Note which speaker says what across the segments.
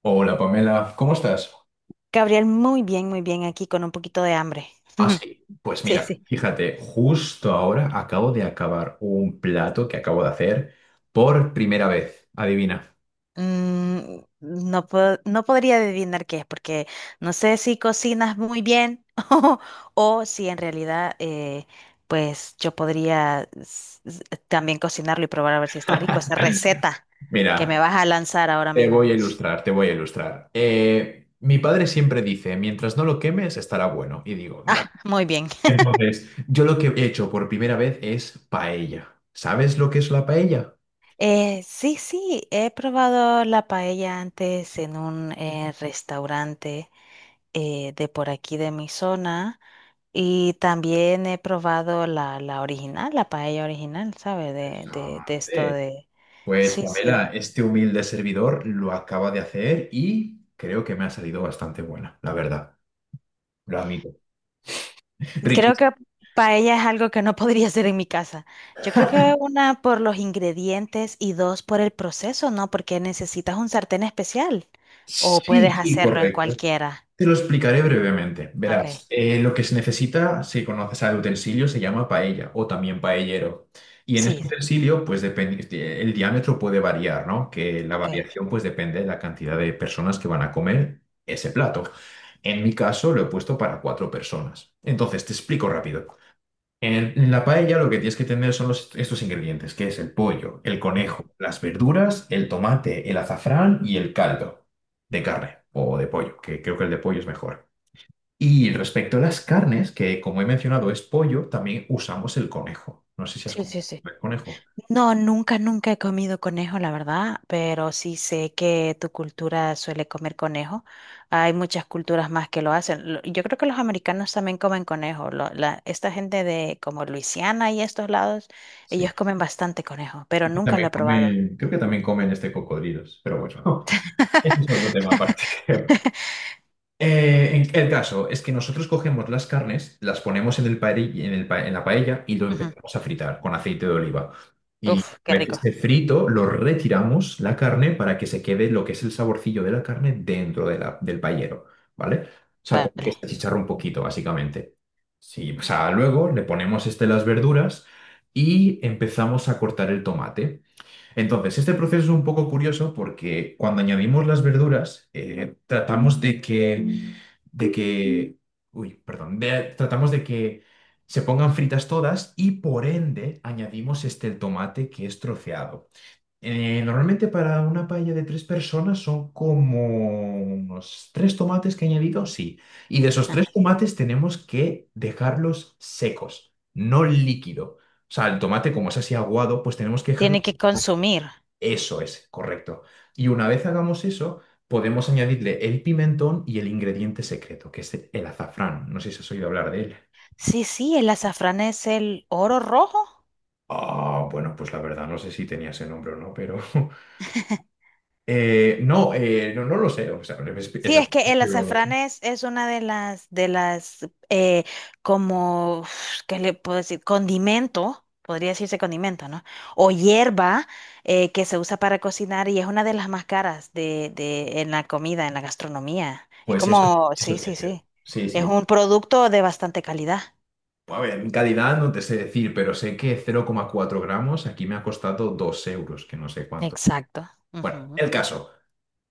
Speaker 1: Hola Pamela, ¿cómo estás?
Speaker 2: Gabriel, muy bien, aquí con un poquito de hambre.
Speaker 1: Ah, sí. Pues
Speaker 2: Sí,
Speaker 1: mira,
Speaker 2: sí.
Speaker 1: fíjate, justo ahora acabo de acabar un plato que acabo de hacer por primera vez. Adivina.
Speaker 2: No puedo- no podría adivinar qué es, porque no sé si cocinas muy bien o, si en realidad, pues yo podría también cocinarlo y probar a ver si está rico esa receta que
Speaker 1: Mira,
Speaker 2: me vas a lanzar ahora mismo.
Speaker 1: te voy a ilustrar. Mi padre siempre dice, mientras no lo quemes, estará bueno. Y digo, "Da".
Speaker 2: Muy bien.
Speaker 1: Entonces, yo lo que he hecho por primera vez es paella. ¿Sabes lo que es la paella?
Speaker 2: Sí, sí, he probado la paella antes en un restaurante de por aquí de mi zona. Y también he probado la original, la paella original, ¿sabe? De esto
Speaker 1: Hombre.
Speaker 2: de...
Speaker 1: Pues
Speaker 2: Sí, sí.
Speaker 1: Pamela, este humilde servidor lo acaba de hacer y creo que me ha salido bastante buena, la verdad. Lo admito.
Speaker 2: Creo
Speaker 1: Riquísimo.
Speaker 2: que paella es algo que no podría hacer en mi casa. Yo creo que una por los ingredientes y dos por el proceso, ¿no? Porque necesitas un sartén especial o
Speaker 1: Sí,
Speaker 2: puedes
Speaker 1: sí,
Speaker 2: hacerlo en
Speaker 1: correcto.
Speaker 2: cualquiera.
Speaker 1: Te lo explicaré brevemente.
Speaker 2: Ok.
Speaker 1: Verás, lo que se necesita, si conoces al utensilio, se llama paella o también paellero. Y en
Speaker 2: Sí,
Speaker 1: este
Speaker 2: sí.
Speaker 1: utensilio, pues depende, el diámetro puede variar, ¿no? Que la
Speaker 2: Ok.
Speaker 1: variación, pues depende de la cantidad de personas que van a comer ese plato. En mi caso, lo he puesto para 4 personas. Entonces, te explico rápido. En la paella lo que tienes que tener son estos ingredientes, que es el pollo, el
Speaker 2: Mm.
Speaker 1: conejo, las verduras, el tomate, el azafrán y el caldo de carne o de pollo, que creo que el de pollo es mejor. Y respecto a las carnes, que como he mencionado es pollo, también usamos el conejo. No sé si has
Speaker 2: Sí, sí,
Speaker 1: comido
Speaker 2: sí.
Speaker 1: el conejo.
Speaker 2: No, nunca, nunca he comido conejo, la verdad, pero sí sé que tu cultura suele comer conejo. Hay muchas culturas más que lo hacen. Lo- Yo creo que los americanos también comen conejo. Esta gente de como Luisiana y estos lados,
Speaker 1: Sí.
Speaker 2: ellos comen bastante conejo, pero nunca lo he probado.
Speaker 1: Creo que también comen este cocodrilos, pero bueno, este es otro tema aparte. El caso es que nosotros cogemos las carnes, las ponemos en el paeri- en el pa- en la paella y lo
Speaker 2: Ujú.
Speaker 1: empezamos a fritar con aceite de oliva. Y
Speaker 2: Uf, qué
Speaker 1: una vez
Speaker 2: rico.
Speaker 1: esté frito, lo retiramos la carne para que se quede lo que es el saborcillo de la carne dentro de del paellero, ¿vale? O sea, como que
Speaker 2: Vale.
Speaker 1: se achicharra un poquito, básicamente. Sí, o sea, luego le ponemos este, las verduras y empezamos a cortar el tomate. Entonces, este proceso es un poco curioso porque cuando añadimos las verduras, tratamos de que de que, uy, perdón, tratamos de que se pongan fritas todas y por ende añadimos este el tomate que es troceado. Normalmente para una paella de 3 personas son como unos 3 tomates que he añadido, sí. Y de esos tres
Speaker 2: Ajá.
Speaker 1: tomates tenemos que dejarlos secos, no líquido. O sea, el tomate como es así aguado, pues tenemos que dejarlo...
Speaker 2: Tiene que consumir.
Speaker 1: Eso es, correcto. Y una vez hagamos eso, podemos añadirle el pimentón y el ingrediente secreto, que es el azafrán. No sé si has oído hablar de él.
Speaker 2: Sí, sí, el azafrán es el oro rojo.
Speaker 1: Ah, bueno, pues la verdad no sé si tenía ese nombre o no, pero... no, no lo sé. O sea,
Speaker 2: Sí, es que el azafrán es una de las, como, uf, ¿qué le puedo decir? Condimento, podría decirse condimento, ¿no? O hierba que se usa para cocinar y es una de las más caras de, en la comida, en la gastronomía. Es
Speaker 1: pues eso,
Speaker 2: como,
Speaker 1: eso
Speaker 2: sí,
Speaker 1: sí es
Speaker 2: sí,
Speaker 1: cierto.
Speaker 2: sí.
Speaker 1: Sí,
Speaker 2: Es
Speaker 1: sí.
Speaker 2: un producto de bastante calidad.
Speaker 1: A ver, en calidad no te sé decir, pero sé que 0,4 gramos aquí me ha costado 2€, que no sé cuánto.
Speaker 2: Exacto.
Speaker 1: Bueno,
Speaker 2: Ujú.
Speaker 1: el caso.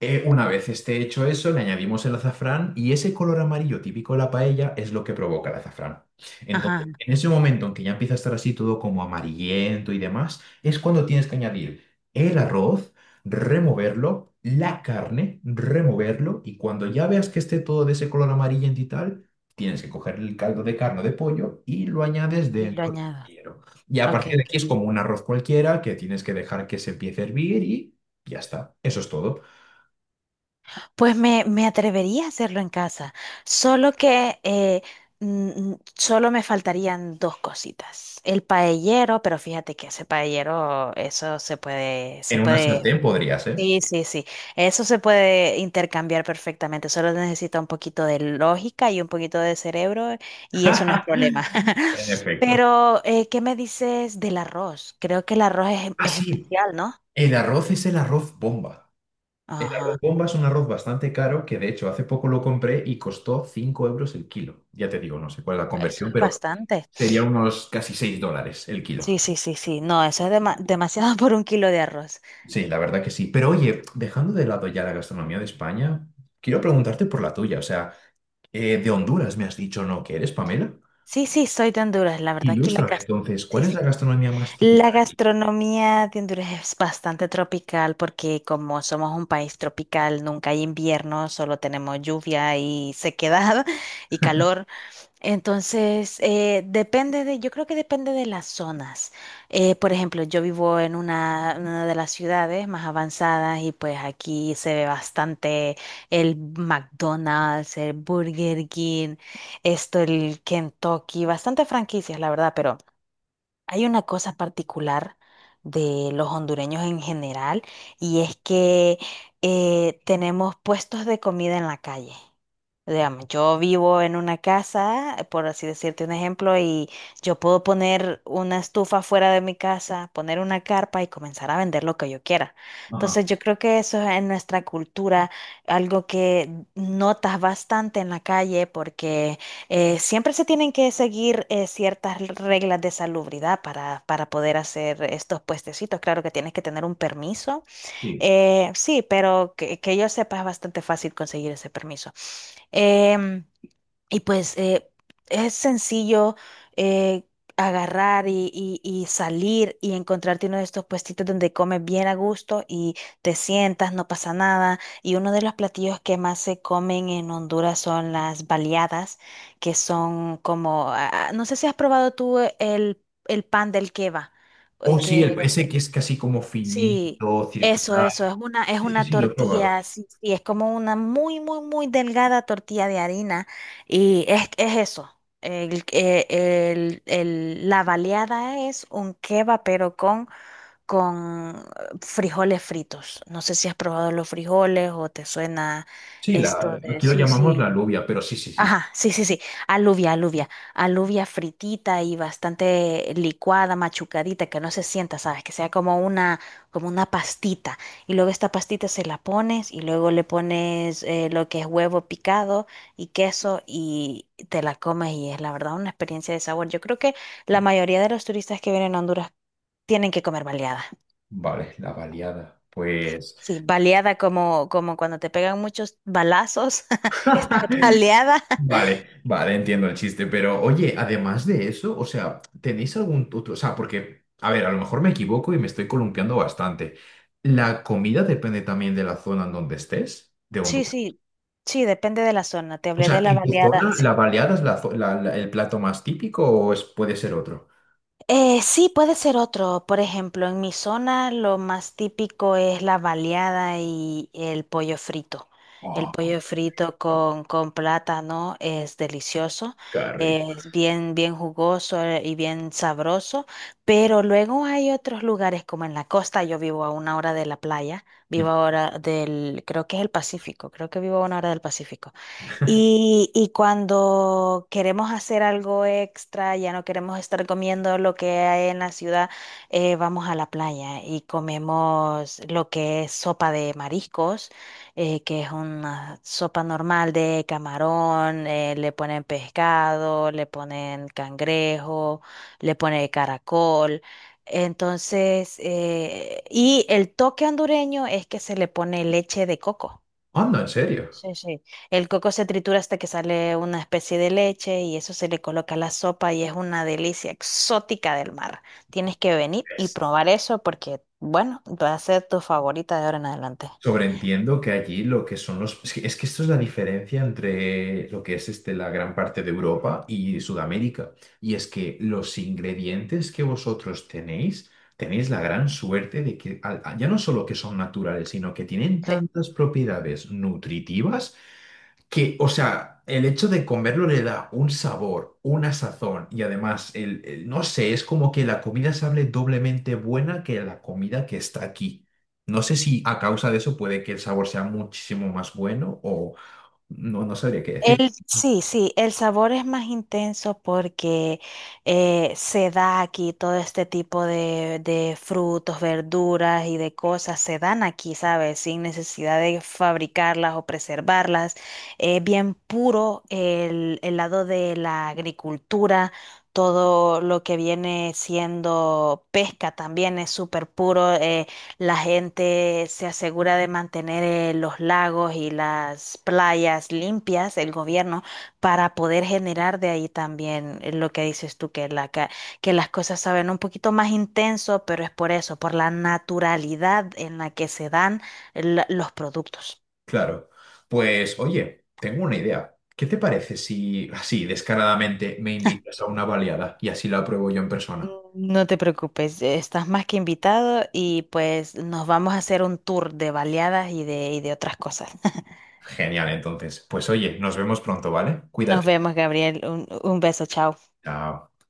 Speaker 1: Una vez esté hecho eso, le añadimos el azafrán y ese color amarillo típico de la paella es lo que provoca el azafrán. Entonces,
Speaker 2: Ajá.
Speaker 1: en ese momento en que ya empieza a estar así todo como amarillento y demás, es cuando tienes que añadir el arroz, removerlo, la carne, removerlo y cuando ya veas que esté todo de ese color amarillento y tal, tienes que coger el caldo de carne o de pollo y lo añades
Speaker 2: Y lo
Speaker 1: dentro del
Speaker 2: añado.
Speaker 1: paellero. Y a
Speaker 2: Ok,
Speaker 1: partir de
Speaker 2: ok.
Speaker 1: aquí es como un arroz cualquiera que tienes que dejar que se empiece a hervir y ya está. Eso es todo.
Speaker 2: Pues me atrevería a hacerlo en casa, solo que solo me faltarían dos cositas. El paellero, pero fíjate que ese paellero, eso
Speaker 1: En
Speaker 2: se
Speaker 1: una
Speaker 2: puede,
Speaker 1: sartén podría ser.
Speaker 2: sí, sí, sí, eso se puede intercambiar perfectamente, solo necesita un poquito de lógica y un poquito de cerebro y eso no es problema.
Speaker 1: En efecto.
Speaker 2: Pero, ¿qué me dices del arroz? Creo que el arroz
Speaker 1: Ah,
Speaker 2: es
Speaker 1: sí.
Speaker 2: especial, ¿no?
Speaker 1: El arroz es el arroz bomba. El
Speaker 2: Ajá,
Speaker 1: arroz bomba es un arroz bastante caro que de hecho hace poco lo compré y costó 5€ el kilo. Ya te digo, no sé cuál es la
Speaker 2: eso
Speaker 1: conversión,
Speaker 2: es
Speaker 1: pero
Speaker 2: bastante.
Speaker 1: sería unos casi $6 el
Speaker 2: Sí,
Speaker 1: kilo.
Speaker 2: sí, sí, sí. No, eso es demasiado por un kilo de arroz.
Speaker 1: Sí, la verdad que sí. Pero oye, dejando de lado ya la gastronomía de España, quiero preguntarte por la tuya. O sea, de Honduras me has dicho, ¿no? ¿Que eres, Pamela?
Speaker 2: Sí, sí, soy de Honduras. La verdad que
Speaker 1: Ilústrame entonces,
Speaker 2: sí,
Speaker 1: ¿cuál es
Speaker 2: sí.
Speaker 1: la gastronomía más típica
Speaker 2: La
Speaker 1: de allí?
Speaker 2: gastronomía de Honduras es bastante tropical porque como somos un país tropical, nunca hay invierno, solo tenemos lluvia y sequedad y calor. Entonces, yo creo que depende de las zonas. Por ejemplo, yo vivo en una de las ciudades más avanzadas y pues aquí se ve bastante el McDonald's, el Burger King, esto, el Kentucky, bastante franquicias, la verdad, pero... Hay una cosa particular de los hondureños en general y es que tenemos puestos de comida en la calle. Digamos, yo vivo en una casa, por así decirte un ejemplo, y yo puedo poner una estufa fuera de mi casa, poner una carpa y comenzar a vender lo que yo quiera.
Speaker 1: Ajá,
Speaker 2: Entonces yo creo que eso es en nuestra cultura algo que notas bastante en la calle porque siempre se tienen que seguir ciertas reglas de salubridad para poder hacer estos puestecitos. Claro que tienes que tener un permiso.
Speaker 1: sí.
Speaker 2: Sí, pero que yo sepa es bastante fácil conseguir ese permiso. Em, y pues eh, es sencillo eh, agarrar y salir y encontrarte uno de estos puestitos donde comes bien a gusto y te sientas, no pasa nada. Y uno de los platillos que más se comen en Honduras son las baleadas, que son como, ah, ah, no sé si has probado tú el pan del queva,
Speaker 1: Oh, sí,
Speaker 2: que
Speaker 1: el, ese que es casi como
Speaker 2: Sí,
Speaker 1: finito,
Speaker 2: eso,
Speaker 1: circular.
Speaker 2: eso, es
Speaker 1: Sí, sí,
Speaker 2: una
Speaker 1: sí, lo he probado.
Speaker 2: tortilla, sí, sí, es como una muy, muy, muy delgada tortilla de harina y es eso. La baleada es un kebab, pero con frijoles fritos. No sé si has probado los frijoles o te suena
Speaker 1: Sí,
Speaker 2: esto
Speaker 1: la,
Speaker 2: de,
Speaker 1: aquí lo
Speaker 2: sí,
Speaker 1: llamamos la
Speaker 2: sí.
Speaker 1: alubia, pero sí, sí, sí.
Speaker 2: Ajá, sí, sí, sí, alubia, alubia, alubia fritita y bastante licuada, machucadita, que no se sienta, ¿sabes? Que sea como una pastita. Y luego esta pastita se la pones y luego le pones lo que es huevo picado y queso y te la comes y es la verdad una experiencia de sabor. Yo creo que la mayoría de los turistas que vienen a Honduras tienen que comer baleada.
Speaker 1: Vale, la baleada. Pues.
Speaker 2: Sí, baleada como, como cuando te pegan muchos balazos, está baleada.
Speaker 1: Vale, vale, entiendo el chiste, pero oye, además de eso, o sea, ¿tenéis algún otro? O sea, porque, a ver, a lo mejor me equivoco y me estoy columpiando bastante. ¿La comida depende también de la zona en donde estés, de
Speaker 2: Sí,
Speaker 1: Honduras?
Speaker 2: sí, sí, depende de la zona. Te
Speaker 1: O
Speaker 2: hablé
Speaker 1: sea,
Speaker 2: de la
Speaker 1: ¿en tu
Speaker 2: baleada,
Speaker 1: zona la
Speaker 2: sí.
Speaker 1: baleada es la zo- la- la- el plato más típico o es, puede ser otro?
Speaker 2: Sí, puede ser otro. Por ejemplo, en mi zona lo más típico es la baleada y el pollo frito. El
Speaker 1: Oh,
Speaker 2: pollo frito con plátano es delicioso,
Speaker 1: qué rico.
Speaker 2: es bien, bien jugoso y bien sabroso, pero luego hay otros lugares como en la costa, yo vivo a una hora de la playa, vivo ahora del, creo que es el Pacífico, creo que vivo a una hora del Pacífico. Y cuando queremos hacer algo extra, ya no queremos estar comiendo lo que hay en la ciudad, vamos a la playa y comemos lo que es sopa de mariscos, que es una sopa normal de camarón, le ponen pescado, le ponen cangrejo, le ponen caracol. Entonces, y el toque hondureño es que se le pone leche de coco.
Speaker 1: Anda, en serio.
Speaker 2: Sí, sí. El coco se tritura hasta que sale una especie de leche y eso se le coloca a la sopa y es una delicia exótica del mar. Tienes que venir y
Speaker 1: Es-
Speaker 2: probar eso porque, bueno, va a ser tu favorita de ahora en adelante.
Speaker 1: Sobreentiendo que allí lo que son los... es que esto es la diferencia entre lo que es este, la gran parte de Europa y Sudamérica. Y es que los ingredientes que vosotros tenéis, tenéis la gran suerte de que ya no solo que son naturales, sino que tienen tantas propiedades nutritivas que, o sea, el hecho de comerlo le da un sabor, una sazón y además, no sé, es como que la comida sabe doblemente buena que la comida que está aquí. No sé si a causa de eso puede que el sabor sea muchísimo más bueno o no, no sabría qué decir.
Speaker 2: Sí, sí, el sabor es más intenso porque se da aquí todo este tipo de frutos, verduras y de cosas, se dan aquí, ¿sabes? Sin necesidad de fabricarlas o preservarlas. Es bien puro el lado de la agricultura, todo lo que viene siendo pesca también es súper puro. La gente se asegura de mantener los lagos y las playas limpias, el gobierno, para poder generar de ahí también lo que dices tú, que las cosas saben un poquito más intenso, pero es por eso, por la naturalidad en la que se dan los productos.
Speaker 1: Claro. Pues, oye, tengo una idea. ¿Qué te parece si así descaradamente me invitas a una baleada y así la pruebo yo en persona?
Speaker 2: No te preocupes, estás más que invitado y pues nos vamos a hacer un tour de baleadas y y de otras cosas.
Speaker 1: Genial, entonces. Pues oye, nos vemos pronto, ¿vale?
Speaker 2: Nos
Speaker 1: Cuídate.
Speaker 2: vemos, Gabriel. Un beso, chao.
Speaker 1: Chao.